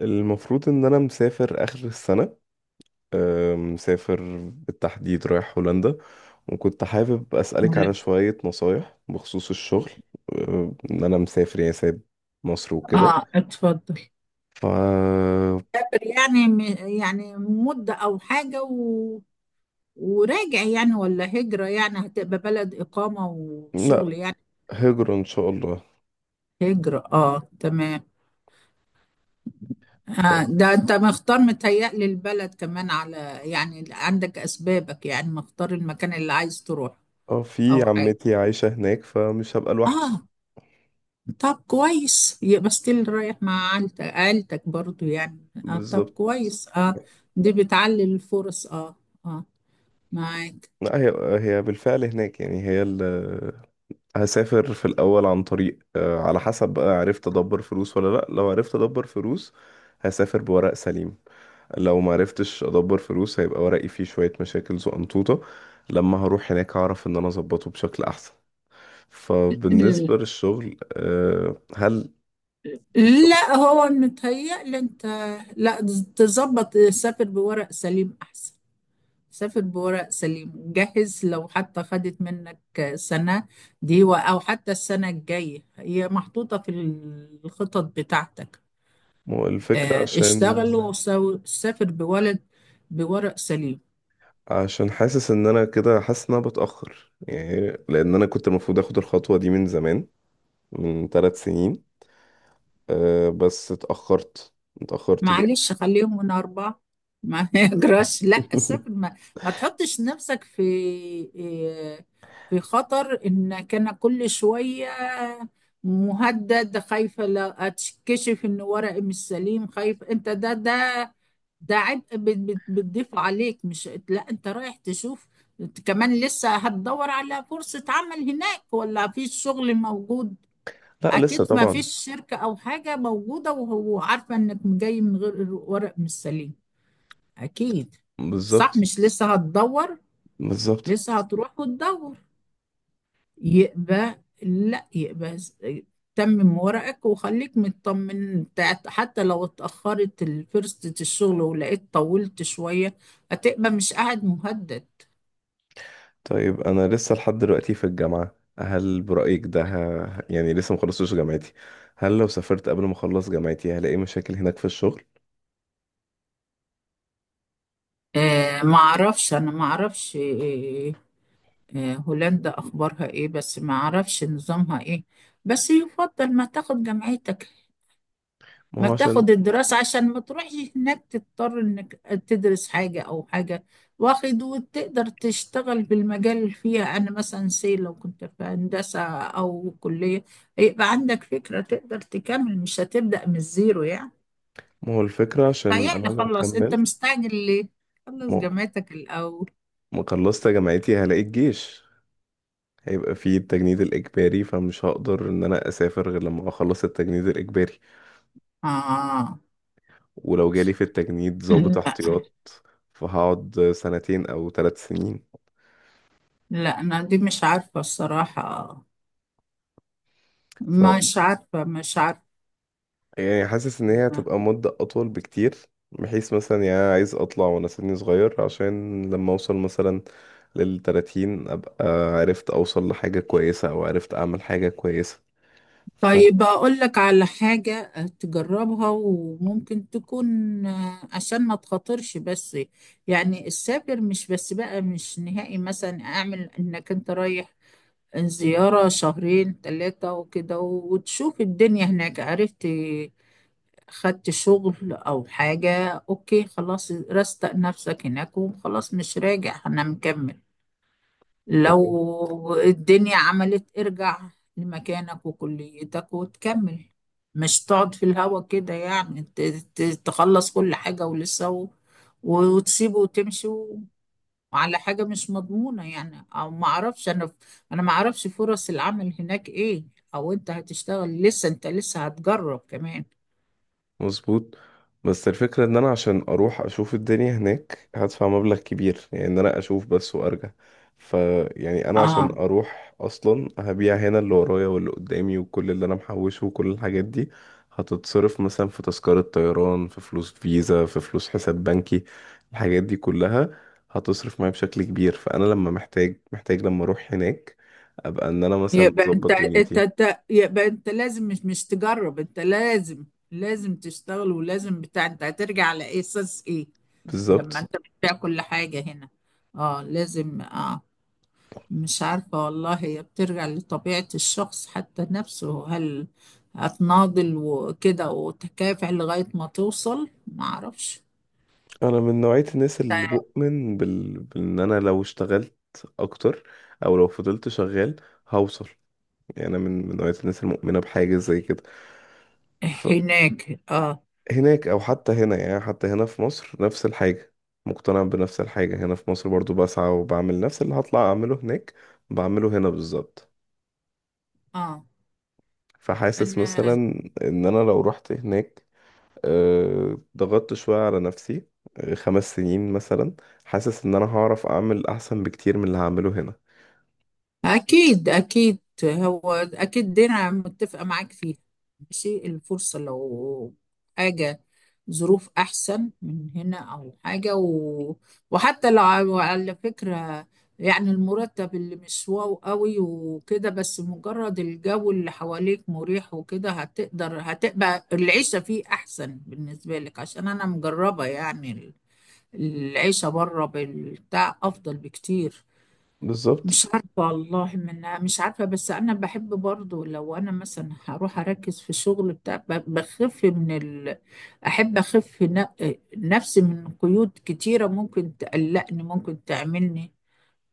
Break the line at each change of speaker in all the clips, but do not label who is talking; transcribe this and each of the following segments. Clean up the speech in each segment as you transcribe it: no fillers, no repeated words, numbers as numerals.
المفروض ان انا مسافر اخر السنة. مسافر بالتحديد رايح هولندا. وكنت حابب اسألك على
تمام.
شوية نصايح بخصوص الشغل. ان انا مسافر يعني سايب مصر وكده.
اه اتفضل.
ف
سافر يعني يعني مدة أو حاجة وراجع، يعني ولا هجرة يعني هتبقى بلد إقامة وشغل
لا،
يعني.
هجرة ان شاء الله.
هجرة، اه تمام.
ف
آه ده أنت مختار، متهيألي البلد كمان على يعني عندك أسبابك، يعني مختار المكان اللي عايز تروح
اه، في
أو حاجة.
عمتي عايشة هناك فمش هبقى لوحدي.
اه طب كويس، يبقى ستيل رايح مع عيلتك، برضو يعني، آه طب
بالظبط.
كويس اه. دي بتعلي الفرص، اه اه معاك.
لا، هي هي بالفعل هناك، يعني هي هسافر في الأول عن طريق على حسب بقى عرفت أدبر فلوس ولا لأ. لو عرفت أدبر فلوس هسافر بورق سليم، لو ما عرفتش أدبر فلوس هيبقى ورقي فيه شوية مشاكل زقنطوطة، لما هروح هناك هعرف إن أنا أظبطه بشكل أحسن. فبالنسبة للشغل آه، هل الشغل
لا هو متهيألي انت، لا تظبط، سافر بورق سليم احسن. سافر بورق سليم، جهز لو حتى خدت منك سنة دي او حتى السنة الجاية هي محطوطة في الخطط بتاعتك.
ما هو الفكرة،
اه،
عشان
اشتغل وسافر بورق سليم.
حاسس إن أنا كده، حاسس إن أنا بتأخر يعني، لأن أنا كنت المفروض أخد الخطوة دي من زمان، من 3 سنين. بس اتأخرت، اتأخرت جامد.
معلش خليهم من أربعة. ما يجراش، لا السفر ما تحطش نفسك في إيه، في خطر إنك أنا كل شوية مهدد، خايفة لا أتكشف إن ورقي مش سليم، خايف أنت، ده ده عبء بتضيف عليك. مش لا، أنت رايح تشوف كمان، لسه هتدور على فرصة عمل هناك ولا في شغل موجود؟
لا لسه
اكيد ما
طبعا.
فيش شركة او حاجة موجودة وهو عارفة انك جاي من غير الورق مش سليم، اكيد. صح،
بالظبط.
مش لسه هتدور؟
بالظبط.
لسه هتروح وتدور. يبقى لا، يبقى تمم ورقك وخليك مطمن. حتى لو اتأخرت فرصة الشغل ولقيت طولت شوية، هتبقى مش قاعد مهدد.
طيب انا لسه لحد دلوقتي في الجامعة، هل برأيك ده يعني لسه مخلصتش جامعتي؟ هل لو سافرت قبل ما اخلص جامعتي هلاقي مشاكل هناك في الشغل؟
آه ما اعرفش، انا ما اعرفش. آه آه، هولندا أخبارها إيه، بس ما أعرفش نظامها إيه. بس يفضل ما تاخد جامعتك،
ما
ما
هو عشان
تاخد الدراسة، عشان ما تروحش هناك تضطر إنك تدرس حاجة أو حاجة واخد، وتقدر تشتغل في المجال اللي فيها أنا مثلا سي لو كنت في هندسة أو كلية، يبقى عندك فكرة تقدر تكمل، مش هتبدأ من الزيرو يعني.
ما هو الفكرة، عشان انا
يعني
لو
خلص، أنت
كملت،
مستعجل ليه؟ خلص
ما
جامعتك الأول.
ما خلصت جامعتي هلاقي الجيش، هيبقى فيه التجنيد الإجباري، فمش هقدر إن أنا أسافر غير لما أخلص التجنيد الإجباري.
آه
ولو جالي في التجنيد ضابط
لا.
احتياط فهقعد سنتين أو 3 سنين.
لا، أنا دي مش عارفة الصراحة، مش عارفة، مش عارفة.
يعني حاسس ان هي هتبقى مدة اطول بكتير، بحيث مثلا يعني أنا عايز اطلع وانا سني صغير، عشان لما اوصل مثلا للتلاتين ابقى عرفت اوصل لحاجة كويسة او عرفت اعمل حاجة كويسة.
طيب أقول لك على حاجة تجربها وممكن تكون عشان ما تخاطرش. بس يعني السافر مش بس بقى مش نهائي، مثلا أعمل إنك أنت رايح زيارة شهرين ثلاثة وكده وتشوف الدنيا هناك. عرفت خدت شغل أو حاجة أوكي خلاص، رستق نفسك هناك وخلاص مش راجع، أنا مكمل.
فاهم.
لو الدنيا عملت ارجع لمكانك وكليتك وتكمل. مش تقعد في الهوا كده يعني، تخلص كل حاجة ولسه وتسيبه وتمشي وعلى حاجة مش مضمونة يعني. او ما اعرفش انا، انا ما اعرفش فرص العمل هناك ايه، او انت هتشتغل. لسه انت لسه هتجرب كمان.
مظبوط. بس الفكرة ان انا عشان اروح اشوف الدنيا هناك هدفع مبلغ كبير، يعني ان انا اشوف بس وارجع. ف يعني انا عشان
اه
اروح اصلا هبيع هنا اللي ورايا واللي قدامي وكل اللي انا محوشه وكل الحاجات دي، هتتصرف مثلا في تذكرة طيران، في فلوس فيزا، في فلوس حساب بنكي. الحاجات دي كلها هتصرف معايا بشكل كبير، فانا لما محتاج لما اروح هناك ابقى ان انا مثلا
يبقى انت
مظبط
انت
دنيتي.
انت يبقى انت لازم، مش مش تجرب، انت لازم، لازم تشتغل ولازم بتاع. انت هترجع على ايه، اساس ايه لما
بالظبط.
انت بتبيع كل حاجة هنا؟ اه لازم اه. مش عارفة والله، هي بترجع لطبيعة الشخص حتى نفسه. هل هتناضل وكده وتكافح لغاية ما توصل؟ ما اعرفش.
انا من نوعية الناس اللي بؤمن بان انا لو اشتغلت اكتر، او لو فضلت شغال هوصل. يعني انا من نوعية الناس المؤمنة بحاجة زي كده،
هناك اه
فهناك او حتى هنا، يعني حتى هنا في مصر نفس الحاجة، مقتنع بنفس الحاجة. هنا في مصر برضو بسعى وبعمل نفس اللي هطلع اعمله هناك بعمله هنا بالظبط.
اه.
فحاسس مثلا
انا
ان انا لو رحت هناك ضغطت شوية على نفسي، 5 سنين مثلا، حاسس ان انا هعرف اعمل احسن بكتير من اللي هعمله هنا.
أكيد أكيد، هو أكيد دي أنا متفقة معاك فيها. ماشي الفرصة لو حاجة ظروف أحسن من هنا أو حاجة وحتى لو على على فكرة يعني المرتب اللي مش واو قوي وكده، بس مجرد الجو اللي حواليك مريح وكده، هتقدر هتبقى العيشة فيه أحسن بالنسبة لك، عشان أنا مجربة يعني. العيشة بره بالبتاع أفضل بكتير. مش
بالظبط.
عارفة والله من مش عارفة، بس أنا بحب برضو لو أنا مثلا هروح أركز في الشغل بتاع بخف من أحب أخف نفسي من قيود كتيرة ممكن تقلقني، ممكن تعملني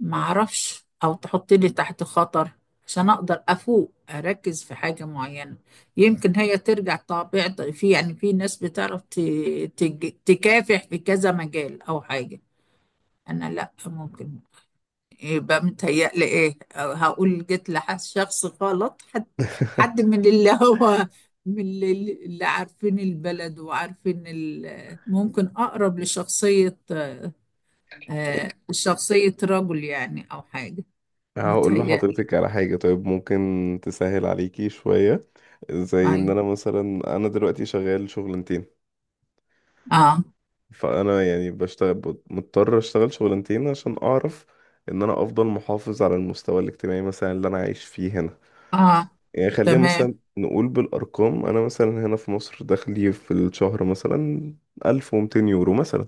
معرفش، أو تحطني تحت خطر، عشان أقدر أفوق أركز في حاجة معينة. يمكن هي ترجع طبيعة، في يعني في ناس بتعرف تكافح في كذا مجال أو حاجة، أنا لأ. ممكن يبقى متهيألي ايه، أو هقول جيت لشخص غلط، حد حد من اللي هو من اللي عارفين البلد وعارفين ممكن اقرب لشخصية آه، شخصية رجل يعني او حاجة.
هقول
متهيألي
لحضرتك على حاجة طيب ممكن تسهل عليكي شوية. زي ان
اي.
انا مثلا انا دلوقتي شغال شغلانتين،
اه
فانا يعني بشتغل، مضطر اشتغل شغلانتين عشان اعرف ان انا افضل محافظ على المستوى الاجتماعي مثلا اللي انا عايش فيه هنا.
اه.
يعني خلينا
تمام.
مثلا نقول بالارقام، انا مثلا هنا في مصر دخلي في الشهر مثلا 1200 يورو مثلا،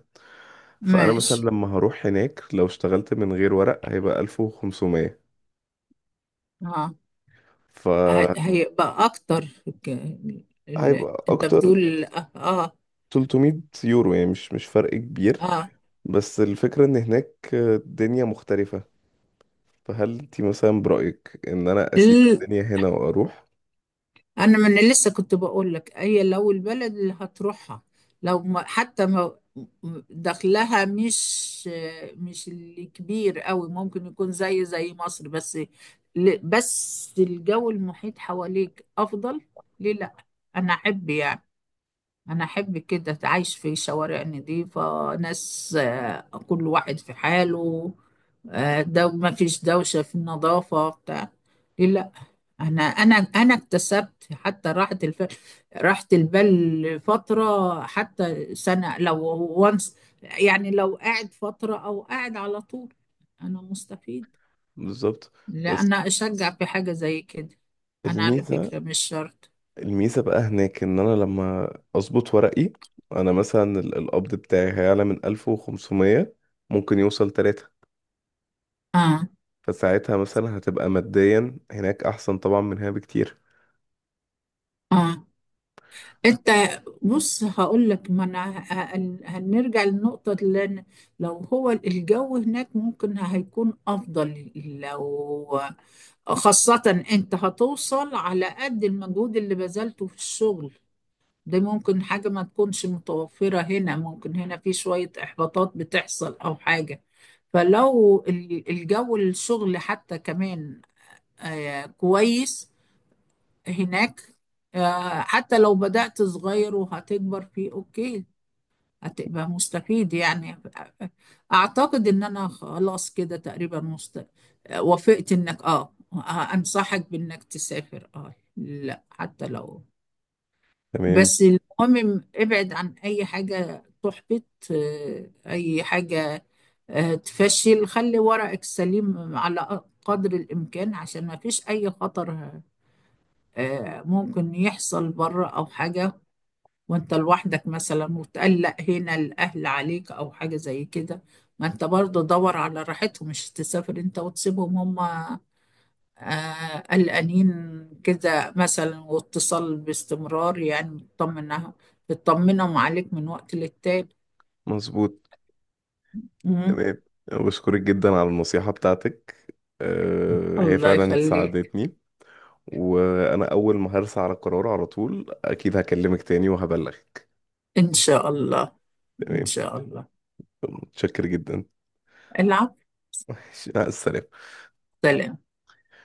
فانا مثلا
ماشي.
لما هروح هناك لو اشتغلت من غير ورق هيبقى 1500.
اه
ف
هيبقى اكتر، ك-
هيبقى
انت
اكتر
بتقول اه
300 يورو، يعني مش فرق كبير، بس الفكرة ان هناك الدنيا مختلفة. فهل انت مثلا برأيك ان انا اسيب
آه.
الدنيا هنا واروح؟
انا ما انا لسه كنت بقول لك، هي لو البلد اللي هتروحها لو ما حتى ما دخلها مش مش الكبير قوي، ممكن يكون زي زي مصر، بس بس الجو المحيط حواليك افضل، ليه لا؟ انا احب يعني، أنا أحب كده أتعايش في شوارع نظيفة، ناس آه، كل واحد في حاله، آه، دو ما فيش دوشة في النظافة بتاع. ليه لا؟ أنا اكتسبت حتى راحة راحة البال فترة حتى سنة لو وانس. يعني لو قاعد فترة أو قاعد على طول، أنا مستفيد.
بالظبط.
لا
بس
أنا أشجع في حاجة زي كده. أنا على
الميزة،
فكرة مش شرط.
الميزة بقى هناك ان انا لما اظبط ورقي انا مثلا القبض بتاعي هيعلى من 1500، ممكن يوصل 3.
آه
فساعتها مثلا هتبقى ماديا هناك احسن طبعا من هنا بكتير.
آه انت. بص هقول لك، ما انا هنرجع للنقطة لو هو الجو هناك ممكن هيكون افضل، لو خاصة انت هتوصل على قد المجهود اللي بذلته في الشغل. ده ممكن حاجة ما تكونش متوفرة هنا، ممكن هنا في شوية احباطات بتحصل او حاجة. فلو الجو الشغل حتى كمان آه، كويس هناك، آه، حتى لو بدأت صغير وهتكبر فيه اوكي، هتبقى مستفيد يعني. اعتقد ان انا خلاص كده تقريبا آه، وافقت انك اه آه، انصحك بانك تسافر اه، لا حتى لو.
تمام.
بس المهم ابعد عن اي حاجة تحبط، آه، اي حاجة آه، تفشل. خلي ورقك سليم على قدر الامكان، عشان ما فيش اي خطر آه، ممكن يحصل بره أو حاجة وأنت لوحدك مثلا، وتقلق هنا الأهل عليك أو حاجة زي كده. ما أنت برضه دور على راحتهم، مش تسافر أنت وتسيبهم هما آه، قلقانين كده مثلا. واتصال باستمرار يعني، تطمنها تطمنهم عليك من وقت للتاني.
مظبوط.
مم.
تمام، بشكرك جدا على النصيحة بتاعتك. هي
الله
فعلا
يخليك.
ساعدتني، وأنا أول ما هرسى على قرار على طول أكيد هكلمك تاني وهبلغك.
إن شاء الله. إن
تمام.
شاء الله.
متشكر جدا.
العفو.
ماشي، مع السلامة.
سلام.